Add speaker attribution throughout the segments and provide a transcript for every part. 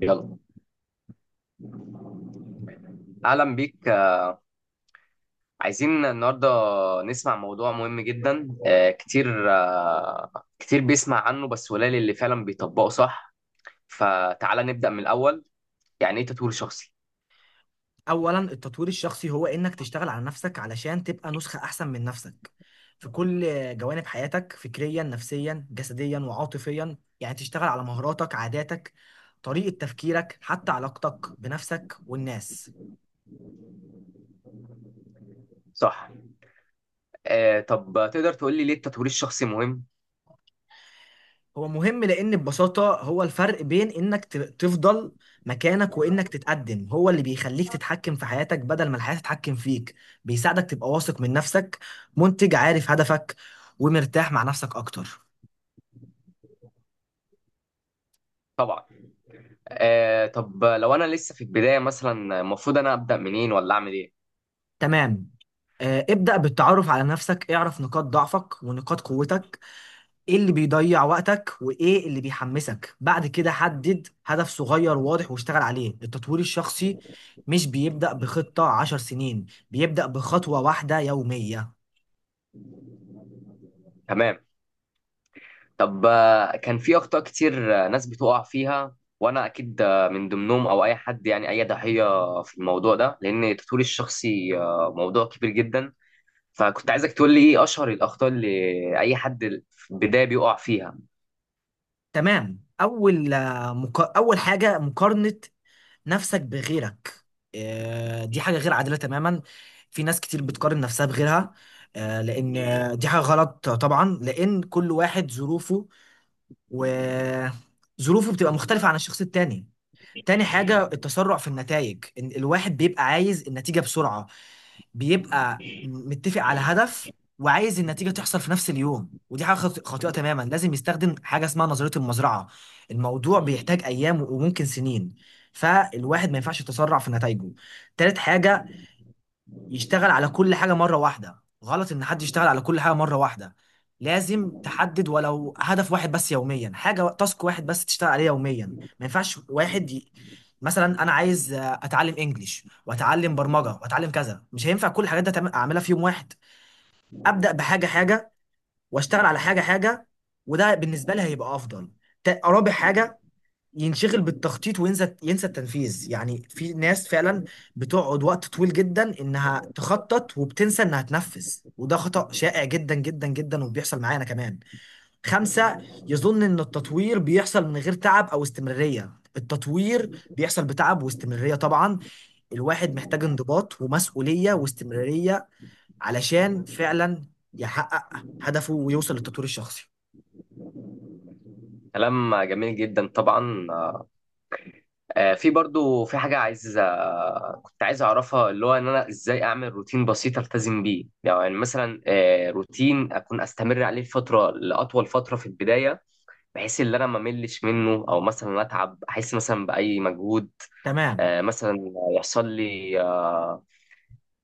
Speaker 1: يلا، اهلا بيك. عايزين النهارده نسمع موضوع مهم جدا كتير كتير بيسمع عنه، بس قليل اللي فعلا بيطبقه صح. فتعالى نبدأ من الاول. يعني ايه تطوير شخصي؟
Speaker 2: اولا، التطوير الشخصي هو انك تشتغل على نفسك علشان تبقى نسخة احسن من نفسك في كل جوانب حياتك: فكريا، نفسيا، جسديا، وعاطفيا. يعني تشتغل على مهاراتك، عاداتك، طريقة تفكيرك، حتى علاقتك بنفسك والناس.
Speaker 1: صح. طب تقدر تقول لي ليه التطوير الشخصي مهم؟
Speaker 2: هو مهم لان ببساطة هو الفرق بين انك تفضل مكانك وانك تتقدم. هو اللي بيخليك تتحكم في حياتك بدل ما الحياة تتحكم فيك. بيساعدك تبقى واثق من نفسك، منتج، عارف هدفك، ومرتاح مع نفسك اكتر.
Speaker 1: طبعا. طب لو انا لسه في البداية مثلا، المفروض انا أبدأ منين ولا اعمل ايه؟
Speaker 2: تمام. ابدأ بالتعرف على نفسك، اعرف نقاط ضعفك ونقاط قوتك. ايه اللي بيضيع وقتك وايه اللي بيحمسك؟ بعد كده حدد هدف صغير واضح واشتغل عليه. التطوير الشخصي مش بيبدأ بخطة 10 سنين، بيبدأ بخطوة واحدة يومية.
Speaker 1: تمام. طب كان في اخطاء كتير ناس بتقع فيها، وانا اكيد من ضمنهم، او اي حد، يعني اي ضحيه في الموضوع ده، لان تطوير الشخصي موضوع كبير جدا. فكنت عايزك تقول لي ايه اشهر الاخطاء اللي اي حد في البدايه بيقع فيها.
Speaker 2: تمام. أول حاجة: مقارنة نفسك بغيرك. دي حاجة غير عادلة تماما. في ناس كتير بتقارن نفسها بغيرها. لأن دي حاجة غلط طبعا، لأن كل واحد ظروفه وظروفه بتبقى مختلفة عن الشخص التاني. تاني حاجة: التسرع في النتائج. إن الواحد بيبقى عايز النتيجة بسرعة، بيبقى متفق على هدف وعايز النتيجة تحصل في نفس اليوم. ودي حاجة خاطئة تماما. لازم يستخدم حاجة اسمها نظرية المزرعة. الموضوع بيحتاج أيام وممكن سنين، فالواحد ما ينفعش يتسرع في نتائجه. تالت حاجة: يشتغل على كل حاجة مرة واحدة. غلط إن حد يشتغل على كل حاجة مرة واحدة. لازم تحدد ولو هدف واحد بس يوميا، حاجة، تاسك واحد بس تشتغل عليه يوميا. ما ينفعش واحد مثلا أنا عايز أتعلم إنجليش وأتعلم برمجة وأتعلم كذا. مش هينفع كل الحاجات دي أعملها في يوم واحد. أبدأ بحاجة حاجة، وأشتغل على حاجة حاجة، وده بالنسبة لي هيبقى أفضل. رابع حاجة: ينشغل بالتخطيط وينسى التنفيذ. يعني في ناس فعلا بتقعد وقت طويل جدا انها تخطط وبتنسى انها تنفذ. وده خطأ شائع جدا جدا جدا، وبيحصل معانا كمان. خمسة: يظن ان التطوير بيحصل من غير تعب او استمرارية. التطوير بيحصل بتعب واستمرارية طبعا. الواحد محتاج انضباط ومسؤولية واستمرارية علشان فعلا يحقق هدفه ويوصل للتطوير الشخصي.
Speaker 1: كلام جميل جدا طبعا. في برضو، في حاجه عايز آه، كنت عايز اعرفها، اللي هو ان انا ازاي اعمل روتين بسيط التزم بيه، يعني مثلا روتين اكون استمر عليه فتره لاطول فتره في البدايه، بحيث ان انا ما ملش منه، او مثلا اتعب، احس مثلا باي مجهود.
Speaker 2: تمام،
Speaker 1: مثلا يحصل لي آه،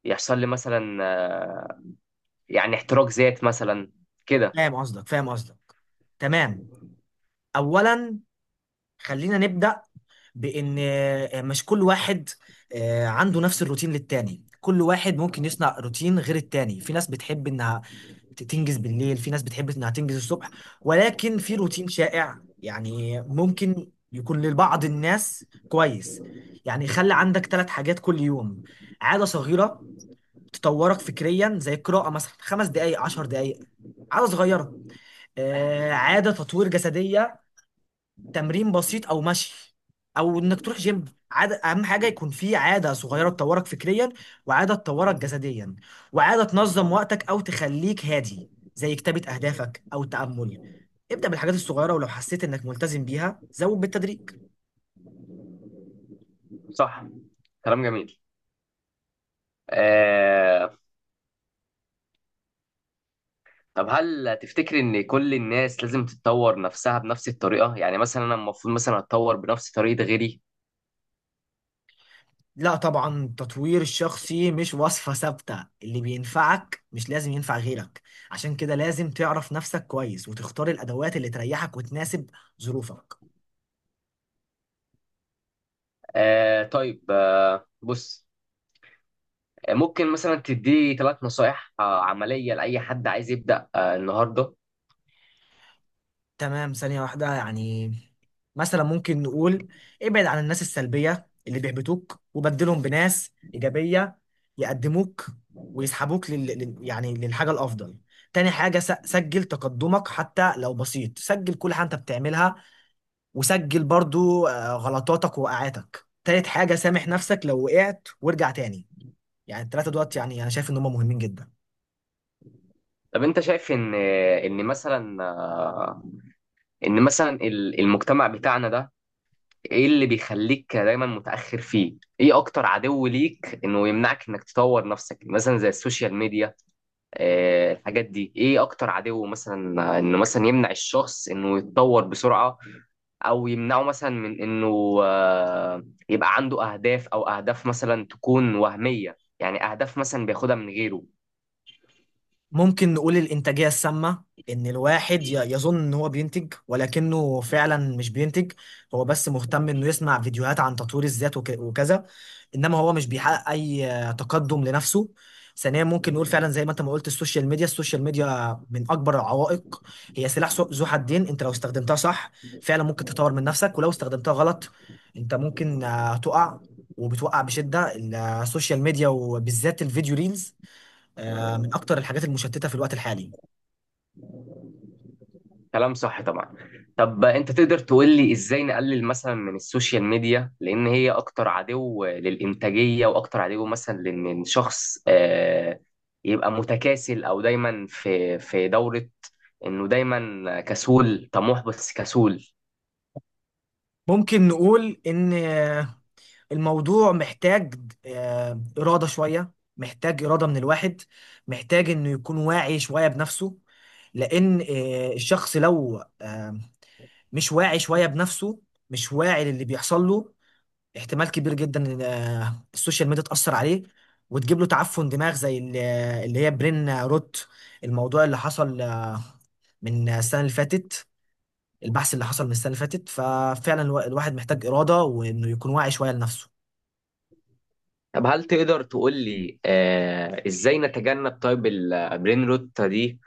Speaker 1: يحصل لي مثلا، يعني احتراق ذات مثلا كده.
Speaker 2: فاهم قصدك فاهم قصدك. تمام. اولا، خلينا نبدأ بإن مش كل واحد عنده نفس الروتين للتاني. كل واحد ممكن يصنع روتين غير التاني. في ناس بتحب إنها تنجز بالليل، في ناس بتحب إنها تنجز الصبح. ولكن في روتين شائع يعني ممكن يكون لبعض الناس كويس. يعني خلي عندك 3 حاجات كل يوم: عادة صغيرة تطورك فكريا، زي القراءة مثلا، 5 دقايق، 10 دقايق. عادة صغيرة، عادة تطوير جسدية، تمرين بسيط او مشي او انك تروح جيم. عادة، اهم حاجه يكون في عاده صغيره تطورك فكريا، وعاده تطورك جسديا، وعاده تنظم وقتك او تخليك هادي، زي كتابه اهدافك او التامل. ابدا بالحاجات الصغيره، ولو حسيت انك ملتزم بيها زود بالتدريج.
Speaker 1: صح. كلام جميل. آه، طب هل تفتكر ان كل الناس لازم تتطور نفسها بنفس الطريقة؟ يعني مثلا انا المفروض مثلا اتطور بنفس طريقة غيري؟
Speaker 2: لا طبعا، التطوير الشخصي مش وصفه ثابته. اللي بينفعك مش لازم ينفع غيرك. عشان كده لازم تعرف نفسك كويس وتختار الادوات اللي تريحك وتناسب ظروفك.
Speaker 1: طيب. بص، ممكن مثلا تدي ثلاث نصائح عملية لأي حد عايز يبدأ النهاردة؟
Speaker 2: تمام، ثانية واحدة يعني. مثلا ممكن نقول: ابعد عن الناس السلبية اللي بيحبطوك وبدلهم بناس إيجابية يقدموك ويسحبوك يعني للحاجة الأفضل. تاني حاجة: سجل تقدمك حتى لو بسيط. سجل كل حاجة أنت بتعملها، وسجل برضو غلطاتك ووقعاتك. تالت حاجة: سامح نفسك لو وقعت وارجع تاني. يعني التلاتة دوت، يعني أنا شايف إن هم مهمين جدا.
Speaker 1: طب انت شايف ان مثلا، ان مثلا المجتمع بتاعنا ده، ايه اللي بيخليك دايما متأخر فيه؟ ايه اكتر عدو ليك انه يمنعك انك تطور نفسك، مثلا زي السوشيال ميديا؟ اه، الحاجات دي، ايه اكتر عدو مثلا انه مثلا يمنع الشخص انه يتطور بسرعة، او يمنعه مثلا من انه يبقى عنده اهداف، او اهداف مثلا تكون وهمية، يعني اهداف مثلا بياخدها من غيره؟
Speaker 2: ممكن نقول الإنتاجية السامة: إن الواحد يظن إن هو بينتج ولكنه فعلا مش بينتج. هو بس مهتم إنه يسمع فيديوهات عن تطوير الذات وكذا، إنما هو مش بيحقق أي تقدم لنفسه. ثانيا، ممكن نقول فعلا زي ما أنت ما قلت: السوشيال ميديا. السوشيال ميديا من أكبر العوائق. هي سلاح ذو حدين. أنت لو استخدمتها صح فعلا ممكن تطور من نفسك، ولو استخدمتها غلط أنت ممكن تقع، وبتوقع بشدة. السوشيال ميديا وبالذات الفيديو ريلز من أكتر الحاجات المشتتة في الوقت الحالي.
Speaker 1: كلام صح طبعا. طب انت تقدر تقول لي ازاي نقلل مثلا من السوشيال ميديا، لان هي اكتر عدو للانتاجيه، واكتر عدو مثلا لان الشخص يبقى متكاسل، او دايما في دوره انه دايما كسول، طموح بس كسول؟
Speaker 2: ممكن نقول إن الموضوع محتاج إرادة شوية. محتاج إرادة من الواحد. محتاج إنه يكون واعي شوية بنفسه. لأن الشخص لو مش واعي شوية بنفسه، مش واعي للي بيحصل له، احتمال كبير جدا إن السوشيال ميديا تأثر عليه وتجيب له تعفن دماغ، زي اللي هي برين روت، الموضوع اللي حصل من السنة اللي فاتت. البحث اللي حصل من السنه اللي فاتت، ففعلا الواحد محتاج اراده وانه يكون واعي شويه لنفسه.
Speaker 1: طب هل تقدر تقول لي ازاي نتجنب طيب البرين روت دي،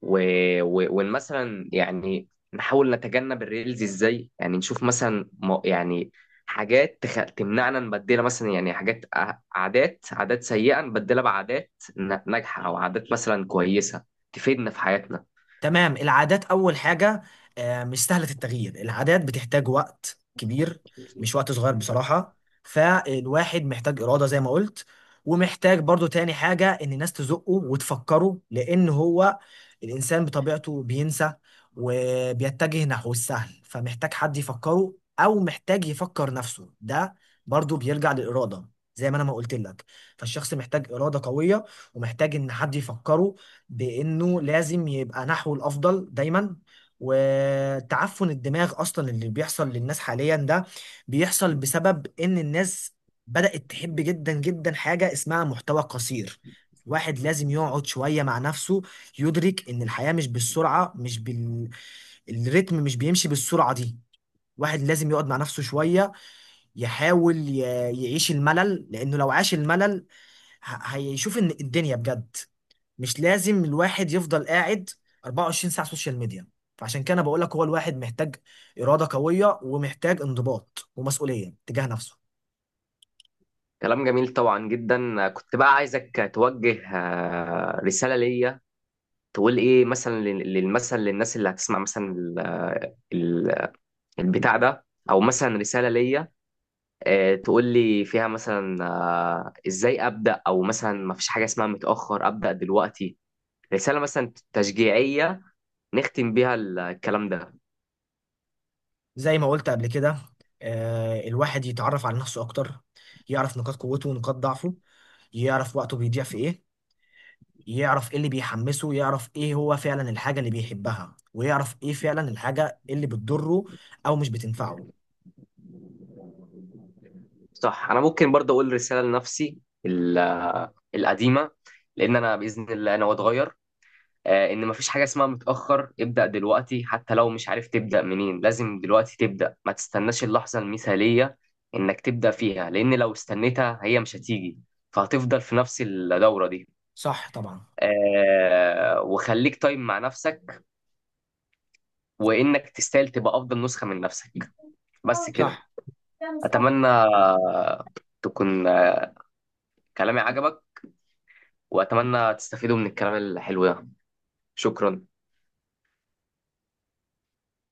Speaker 1: و... وإن مثلا يعني نحاول نتجنب الريلز؟ ازاي يعني نشوف مثلا يعني حاجات تمنعنا نبدلها، مثلا يعني حاجات عادات سيئة نبدلها بعادات ناجحة، أو عادات مثلا كويسة تفيدنا في حياتنا.
Speaker 2: تمام. العادات أول حاجة مش سهلة التغيير. العادات بتحتاج وقت كبير، مش وقت صغير بصراحة. فالواحد محتاج إرادة زي ما قلت، ومحتاج برضو تاني حاجة: إن الناس تزقه وتفكره. لأن هو الإنسان بطبيعته بينسى، وبيتجه نحو السهل، فمحتاج حد يفكره، أو محتاج يفكر نفسه. ده برضو بيرجع للإرادة، زي ما أنا ما قلت لك. فالشخص محتاج إرادة قوية، ومحتاج إن حد يفكره بانه لازم يبقى نحو الافضل دايما. وتعفن الدماغ اصلا اللي بيحصل للناس حاليا ده بيحصل بسبب ان الناس بدأت تحب جدا جدا حاجة اسمها محتوى قصير. واحد لازم يقعد شوية مع نفسه، يدرك ان الحياة مش بالسرعة، مش بال الريتم مش بيمشي بالسرعة دي. واحد لازم يقعد مع نفسه شوية، يحاول يعيش الملل. لانه لو عاش الملل هيشوف ان الدنيا بجد. مش لازم الواحد يفضل قاعد 24 ساعة سوشيال ميديا. فعشان كده انا بقول لك: هو الواحد محتاج إرادة قوية، ومحتاج انضباط ومسؤولية تجاه نفسه.
Speaker 1: كلام جميل طبعا جدا. كنت بقى عايزك توجه رسالة ليا، تقول ايه مثلا لل- للمثل للناس اللي هتسمع مثلا ال- البتاع ده، او مثلا رسالة ليا تقول لي فيها مثلا ازاي ابدا، او مثلا ما فيش حاجه اسمها متاخر ابدا دلوقتي. رساله مثلا تشجيعيه نختم بيها الكلام ده.
Speaker 2: زي ما قلت قبل كده، الواحد يتعرف على نفسه أكتر. يعرف نقاط قوته ونقاط ضعفه. يعرف وقته بيضيع في إيه. يعرف إيه اللي بيحمسه. يعرف إيه هو فعلا الحاجة اللي بيحبها، ويعرف إيه فعلا الحاجة اللي بتضره أو مش بتنفعه.
Speaker 1: صح. انا ممكن برضه اقول رساله لنفسي ال- القديمه، لان انا باذن الله انا واتغير. ان ما فيش حاجه اسمها متاخر ابدا دلوقتي، حتى لو مش عارف تبدا منين، لازم دلوقتي تبدا. ما تستناش اللحظه المثاليه انك تبدا فيها، لان لو استنيتها هي مش هتيجي، فهتفضل في نفس الدوره دي.
Speaker 2: صح طبعا.
Speaker 1: وخليك طيب مع نفسك، وانك تستاهل تبقى افضل نسخة من نفسك. بس كده.
Speaker 2: صح.
Speaker 1: اتمنى تكون كلامي عجبك، واتمنى تستفيدوا من الكلام الحلو ده. شكرا.